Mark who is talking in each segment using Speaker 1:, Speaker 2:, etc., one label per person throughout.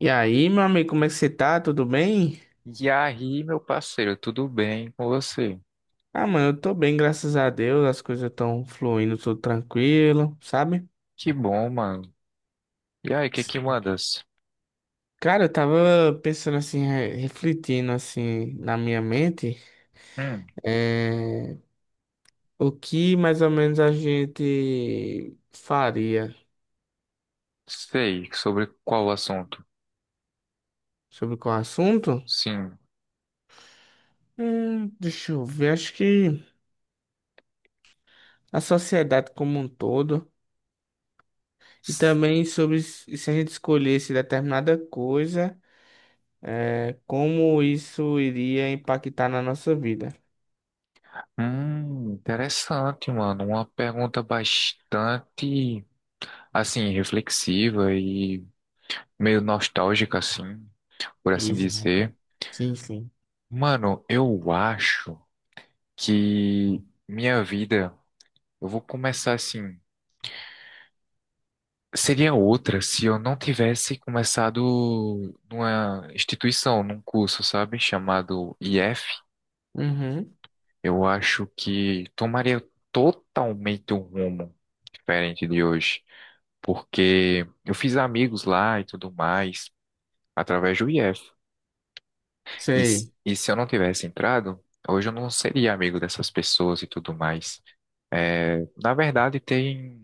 Speaker 1: E aí, meu amigo, como é que você tá? Tudo bem?
Speaker 2: E aí, meu parceiro, tudo bem com você?
Speaker 1: Ah, mano, eu tô bem, graças a Deus. As coisas estão fluindo, tudo tranquilo, sabe?
Speaker 2: Que bom, mano. E aí, o que que mandas?
Speaker 1: Cara, eu tava pensando assim, refletindo assim na minha mente,
Speaker 2: Hum,
Speaker 1: é, o que mais ou menos a gente faria
Speaker 2: sei, sobre qual assunto?
Speaker 1: sobre qual assunto?
Speaker 2: Sim.
Speaker 1: Deixa eu ver, acho que a sociedade como um todo, e também sobre se a gente escolhesse determinada coisa. É, como isso iria impactar na nossa vida.
Speaker 2: Interessante, mano. Uma pergunta bastante, assim, reflexiva e meio nostálgica, assim, por assim
Speaker 1: Exato.
Speaker 2: dizer.
Speaker 1: Sim, sim.
Speaker 2: Mano, eu acho que minha vida, eu vou começar assim. Seria outra se eu não tivesse começado numa instituição, num curso, sabe, chamado IF.
Speaker 1: Uhum.
Speaker 2: Eu acho que tomaria totalmente um rumo diferente de hoje, porque eu fiz amigos lá e tudo mais através do IF.
Speaker 1: Sei.
Speaker 2: E se eu não tivesse entrado, hoje eu não seria amigo dessas pessoas e tudo mais. É, na verdade, tem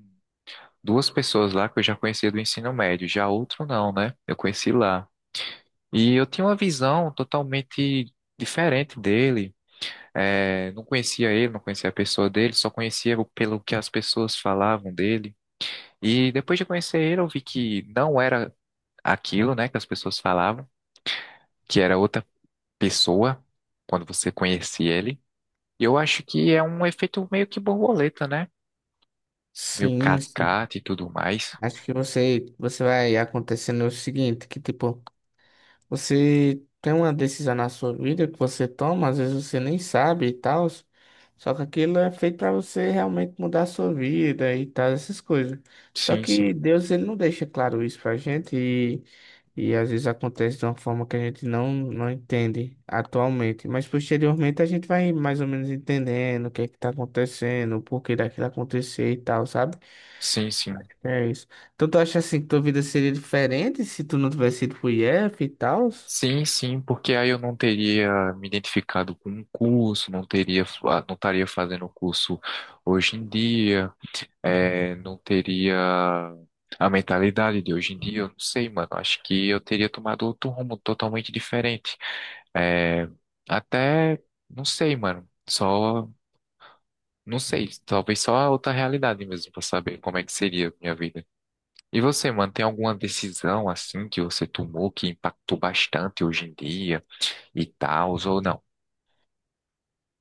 Speaker 2: duas pessoas lá que eu já conhecia do ensino médio, já outro não, né? Eu conheci lá. E eu tinha uma visão totalmente diferente dele. É, não conhecia ele, não conhecia a pessoa dele, só conhecia pelo que as pessoas falavam dele. E depois de conhecer ele, eu vi que não era aquilo, né, que as pessoas falavam, que era outra pessoa quando você conhecia ele. E eu acho que é um efeito meio que borboleta, né? Meio
Speaker 1: Sim, sim.
Speaker 2: cascata e tudo mais.
Speaker 1: Acho que você vai acontecendo o seguinte, que tipo, você tem uma decisão na sua vida que você toma, às vezes você nem sabe e tal, só que aquilo é feito para você realmente mudar a sua vida e tal, essas coisas. Só
Speaker 2: Sim, sim.
Speaker 1: que Deus, ele não deixa claro isso pra gente e às vezes acontece de uma forma que a gente não entende atualmente, mas posteriormente a gente vai mais ou menos entendendo o que é que tá acontecendo, o porquê daquilo acontecer e tal, sabe?
Speaker 2: Sim, sim.
Speaker 1: É isso. Então tu acha assim que tua vida seria diferente se tu não tivesse ido pro IF e tal?
Speaker 2: Sim, sim, porque aí eu não teria me identificado com um curso, não teria, não estaria fazendo o curso hoje em dia, é, não teria a mentalidade de hoje em dia, eu não sei, mano. Acho que eu teria tomado outro rumo totalmente diferente. É, até, não sei, mano. Só, não sei, talvez só a outra realidade mesmo, pra saber como é que seria a minha vida. E você, mano, tem alguma decisão assim que você tomou que impactou bastante hoje em dia? E tal, ou não.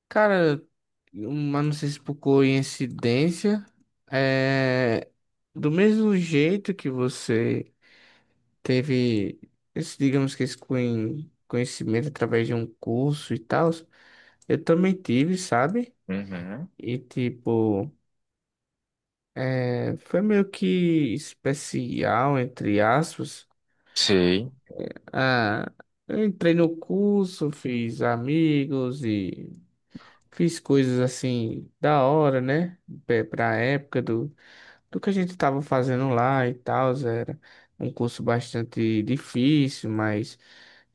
Speaker 1: Cara, mas não sei se por coincidência, é... do mesmo jeito que você teve esse, digamos que esse conhecimento através de um curso e tal, eu também tive, sabe?
Speaker 2: Uhum.
Speaker 1: E tipo, foi meio que especial, entre aspas.
Speaker 2: Sei.
Speaker 1: Ah, eu entrei no curso, fiz amigos e fiz coisas assim da hora, né? Pra época do, do que a gente estava fazendo lá e tal, era um curso bastante difícil, mas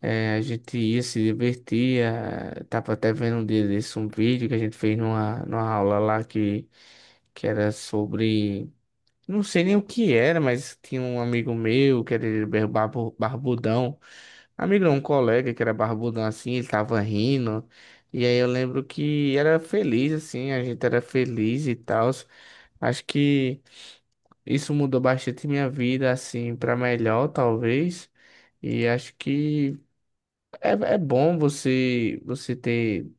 Speaker 1: a gente ia se divertir. Tava até vendo um dia desse um vídeo que a gente fez numa, numa aula lá que era sobre. Não sei nem o que era, mas tinha um amigo meu que era barbudão. Amigo, não, um colega que era barbudão assim, ele tava rindo. E aí eu lembro que era feliz, assim, a gente era feliz e tal. Acho que isso mudou bastante minha vida, assim, para melhor, talvez. E acho que é bom você ter,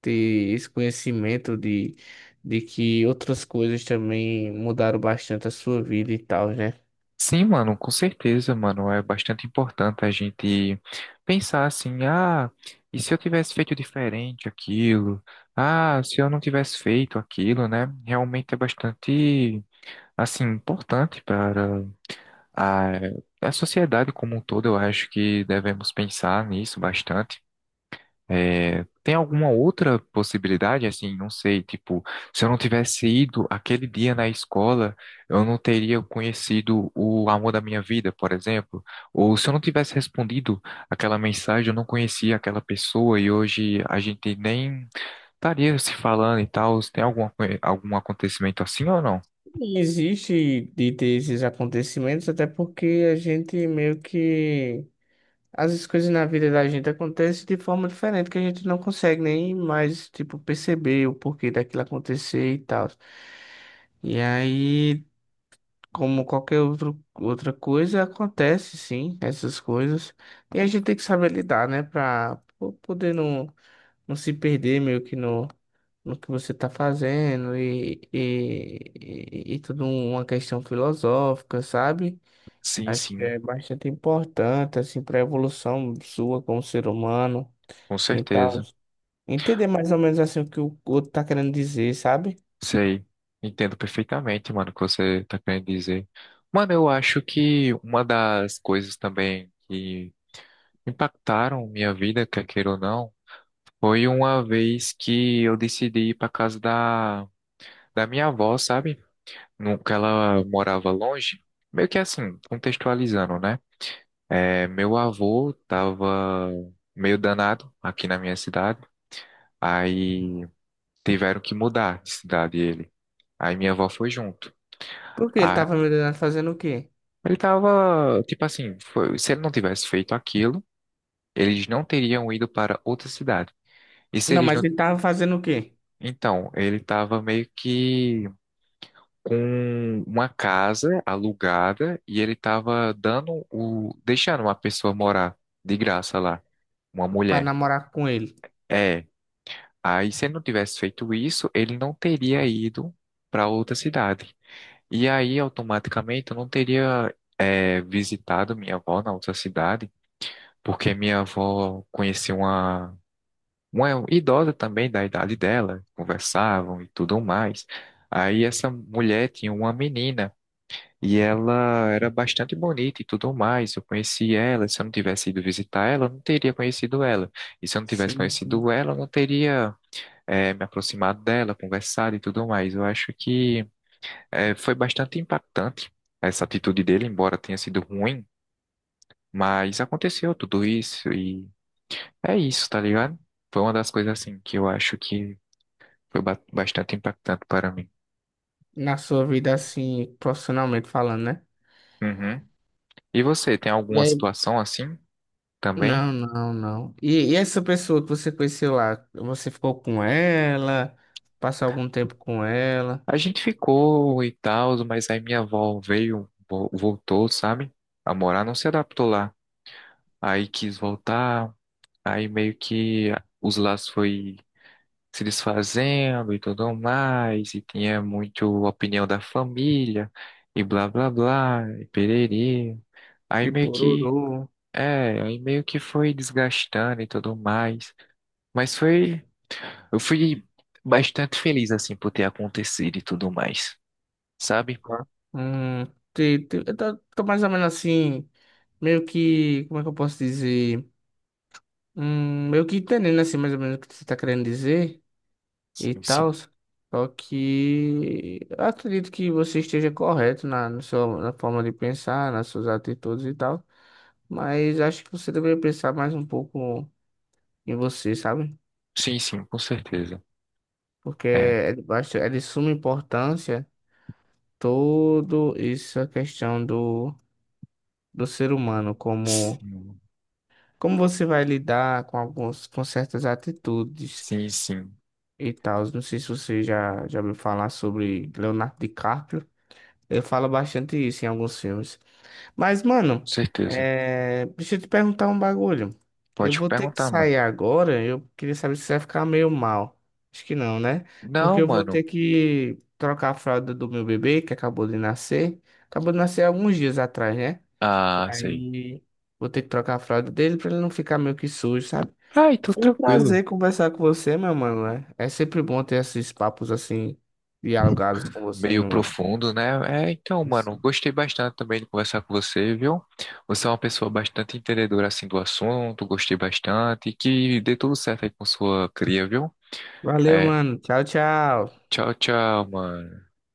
Speaker 1: ter esse conhecimento de que outras coisas também mudaram bastante a sua vida e tal, né?
Speaker 2: Sim, mano, com certeza, mano. É bastante importante a gente pensar assim, ah, e se eu tivesse feito diferente aquilo? Ah, se eu não tivesse feito aquilo, né? Realmente é bastante, assim, importante para a, a sociedade como um todo. Eu acho que devemos pensar nisso bastante. É, tem alguma outra possibilidade, assim, não sei, tipo, se eu não tivesse ido aquele dia na escola, eu não teria conhecido o amor da minha vida, por exemplo, ou se eu não tivesse respondido aquela mensagem, eu não conhecia aquela pessoa e hoje a gente nem estaria se falando e tal. Tem alguma, algum acontecimento assim ou não?
Speaker 1: E existe de ter esses acontecimentos, até porque a gente meio que as coisas na vida da gente acontecem de forma diferente, que a gente não consegue nem mais, tipo, perceber o porquê daquilo acontecer e tal. E aí, como qualquer outro, outra coisa, acontece sim, essas coisas. E a gente tem que saber lidar, né? Pra poder não, não se perder meio que no, no que você tá fazendo e tudo uma questão filosófica, sabe?
Speaker 2: Sim,
Speaker 1: Acho que
Speaker 2: sim,
Speaker 1: é bastante importante, assim, para a evolução sua como ser humano
Speaker 2: com
Speaker 1: e tal.
Speaker 2: certeza.
Speaker 1: Entender mais ou menos, assim, o que o outro tá querendo dizer, sabe?
Speaker 2: Sei, entendo perfeitamente, mano, o que você tá querendo dizer. Mano, eu acho que uma das coisas também que impactaram minha vida, quer queira ou não, foi uma vez que eu decidi ir pra casa da, da minha avó, sabe? Que ela morava longe. Meio que assim, contextualizando, né? É, meu avô tava meio danado aqui na minha cidade, aí tiveram que mudar de cidade ele. Aí minha avó foi junto.
Speaker 1: Porque ele tava me olhando fazendo o quê?
Speaker 2: Ele tava, tipo assim, se ele não tivesse feito aquilo, eles não teriam ido para outra cidade. E se
Speaker 1: Não,
Speaker 2: eles
Speaker 1: mas
Speaker 2: não,
Speaker 1: ele tava fazendo o quê?
Speaker 2: então, ele tava meio que com uma casa alugada e ele tava dando o, deixando uma pessoa morar de graça lá, uma
Speaker 1: Pra
Speaker 2: mulher.
Speaker 1: namorar com ele.
Speaker 2: É, aí se ele não tivesse feito isso, ele não teria ido para outra cidade. E aí, automaticamente, eu não teria, é, visitado minha avó na outra cidade porque minha avó conhecia uma idosa também da idade dela, conversavam e tudo mais. Aí essa mulher tinha uma menina e ela era bastante bonita e tudo mais. Eu conheci ela, se eu não tivesse ido visitar ela, eu não teria conhecido ela. E se eu não tivesse
Speaker 1: Sim, sim.
Speaker 2: conhecido ela, eu não teria me aproximado dela, conversado e tudo mais. Eu acho que foi bastante impactante essa atitude dele, embora tenha sido ruim. Mas aconteceu tudo isso e é isso, tá ligado? Foi uma das coisas assim que eu acho que foi bastante impactante para mim.
Speaker 1: Na sua vida, assim, profissionalmente falando, né?
Speaker 2: Uhum. E você, tem
Speaker 1: E
Speaker 2: alguma
Speaker 1: aí?
Speaker 2: situação assim também?
Speaker 1: Não, não, não. E essa pessoa que você conheceu lá, você ficou com ela? Passou algum tempo com ela?
Speaker 2: A gente ficou e tal, mas aí minha avó veio, voltou, sabe? A morar, não se adaptou lá. Aí quis voltar, aí meio que os laços foi se desfazendo e tudo mais, e tinha muito opinião da família, e blá blá blá, e pererê. Aí
Speaker 1: E
Speaker 2: meio que
Speaker 1: pororô.
Speaker 2: é, aí meio que foi desgastando e tudo mais. Mas foi. Eu fui bastante feliz, assim, por ter acontecido e tudo mais. Sabe?
Speaker 1: Tá. Hum, eu tô mais ou menos assim, meio que, como é que eu posso dizer? Meio que entendendo assim, mais ou menos o que você tá querendo dizer e
Speaker 2: Sim, sim.
Speaker 1: tal. Só que eu acredito que você esteja correto na, no seu na forma de pensar, nas suas atitudes e tal. Mas acho que você deveria pensar mais um pouco em você, sabe?
Speaker 2: Sim, sim, com certeza.
Speaker 1: Porque
Speaker 2: É.
Speaker 1: é de suma importância todo isso, a questão do, do ser humano como.
Speaker 2: Sim,
Speaker 1: Como você vai lidar com alguns, com certas atitudes
Speaker 2: sim, sim. Com
Speaker 1: e tal? Não sei se você já ouviu falar sobre Leonardo DiCaprio. Ele fala bastante isso em alguns filmes. Mas, mano,
Speaker 2: certeza.
Speaker 1: deixa eu te perguntar um bagulho. Eu
Speaker 2: Pode
Speaker 1: vou ter que
Speaker 2: perguntar, mano.
Speaker 1: sair agora. Eu queria saber se você vai ficar meio mal. Acho que não, né?
Speaker 2: Não,
Speaker 1: Porque eu vou
Speaker 2: mano.
Speaker 1: ter que trocar a fralda do meu bebê, que acabou de nascer. Acabou de nascer alguns dias atrás, né?
Speaker 2: Ah, sei.
Speaker 1: Aí vou ter que trocar a fralda dele pra ele não ficar meio que sujo, sabe?
Speaker 2: Ai, tô
Speaker 1: Foi um
Speaker 2: tranquilo.
Speaker 1: prazer conversar com você, meu mano. Né? É sempre bom ter esses papos assim, dialogados com você,
Speaker 2: Meio
Speaker 1: meu mano.
Speaker 2: profundo, né? É, então, mano,
Speaker 1: Isso.
Speaker 2: gostei bastante também de conversar com você, viu? Você é uma pessoa bastante entendedora assim do assunto, gostei bastante. E que dê tudo certo aí com sua cria, viu?
Speaker 1: Valeu,
Speaker 2: É,
Speaker 1: mano. Tchau, tchau.
Speaker 2: tchau, tchau, mano.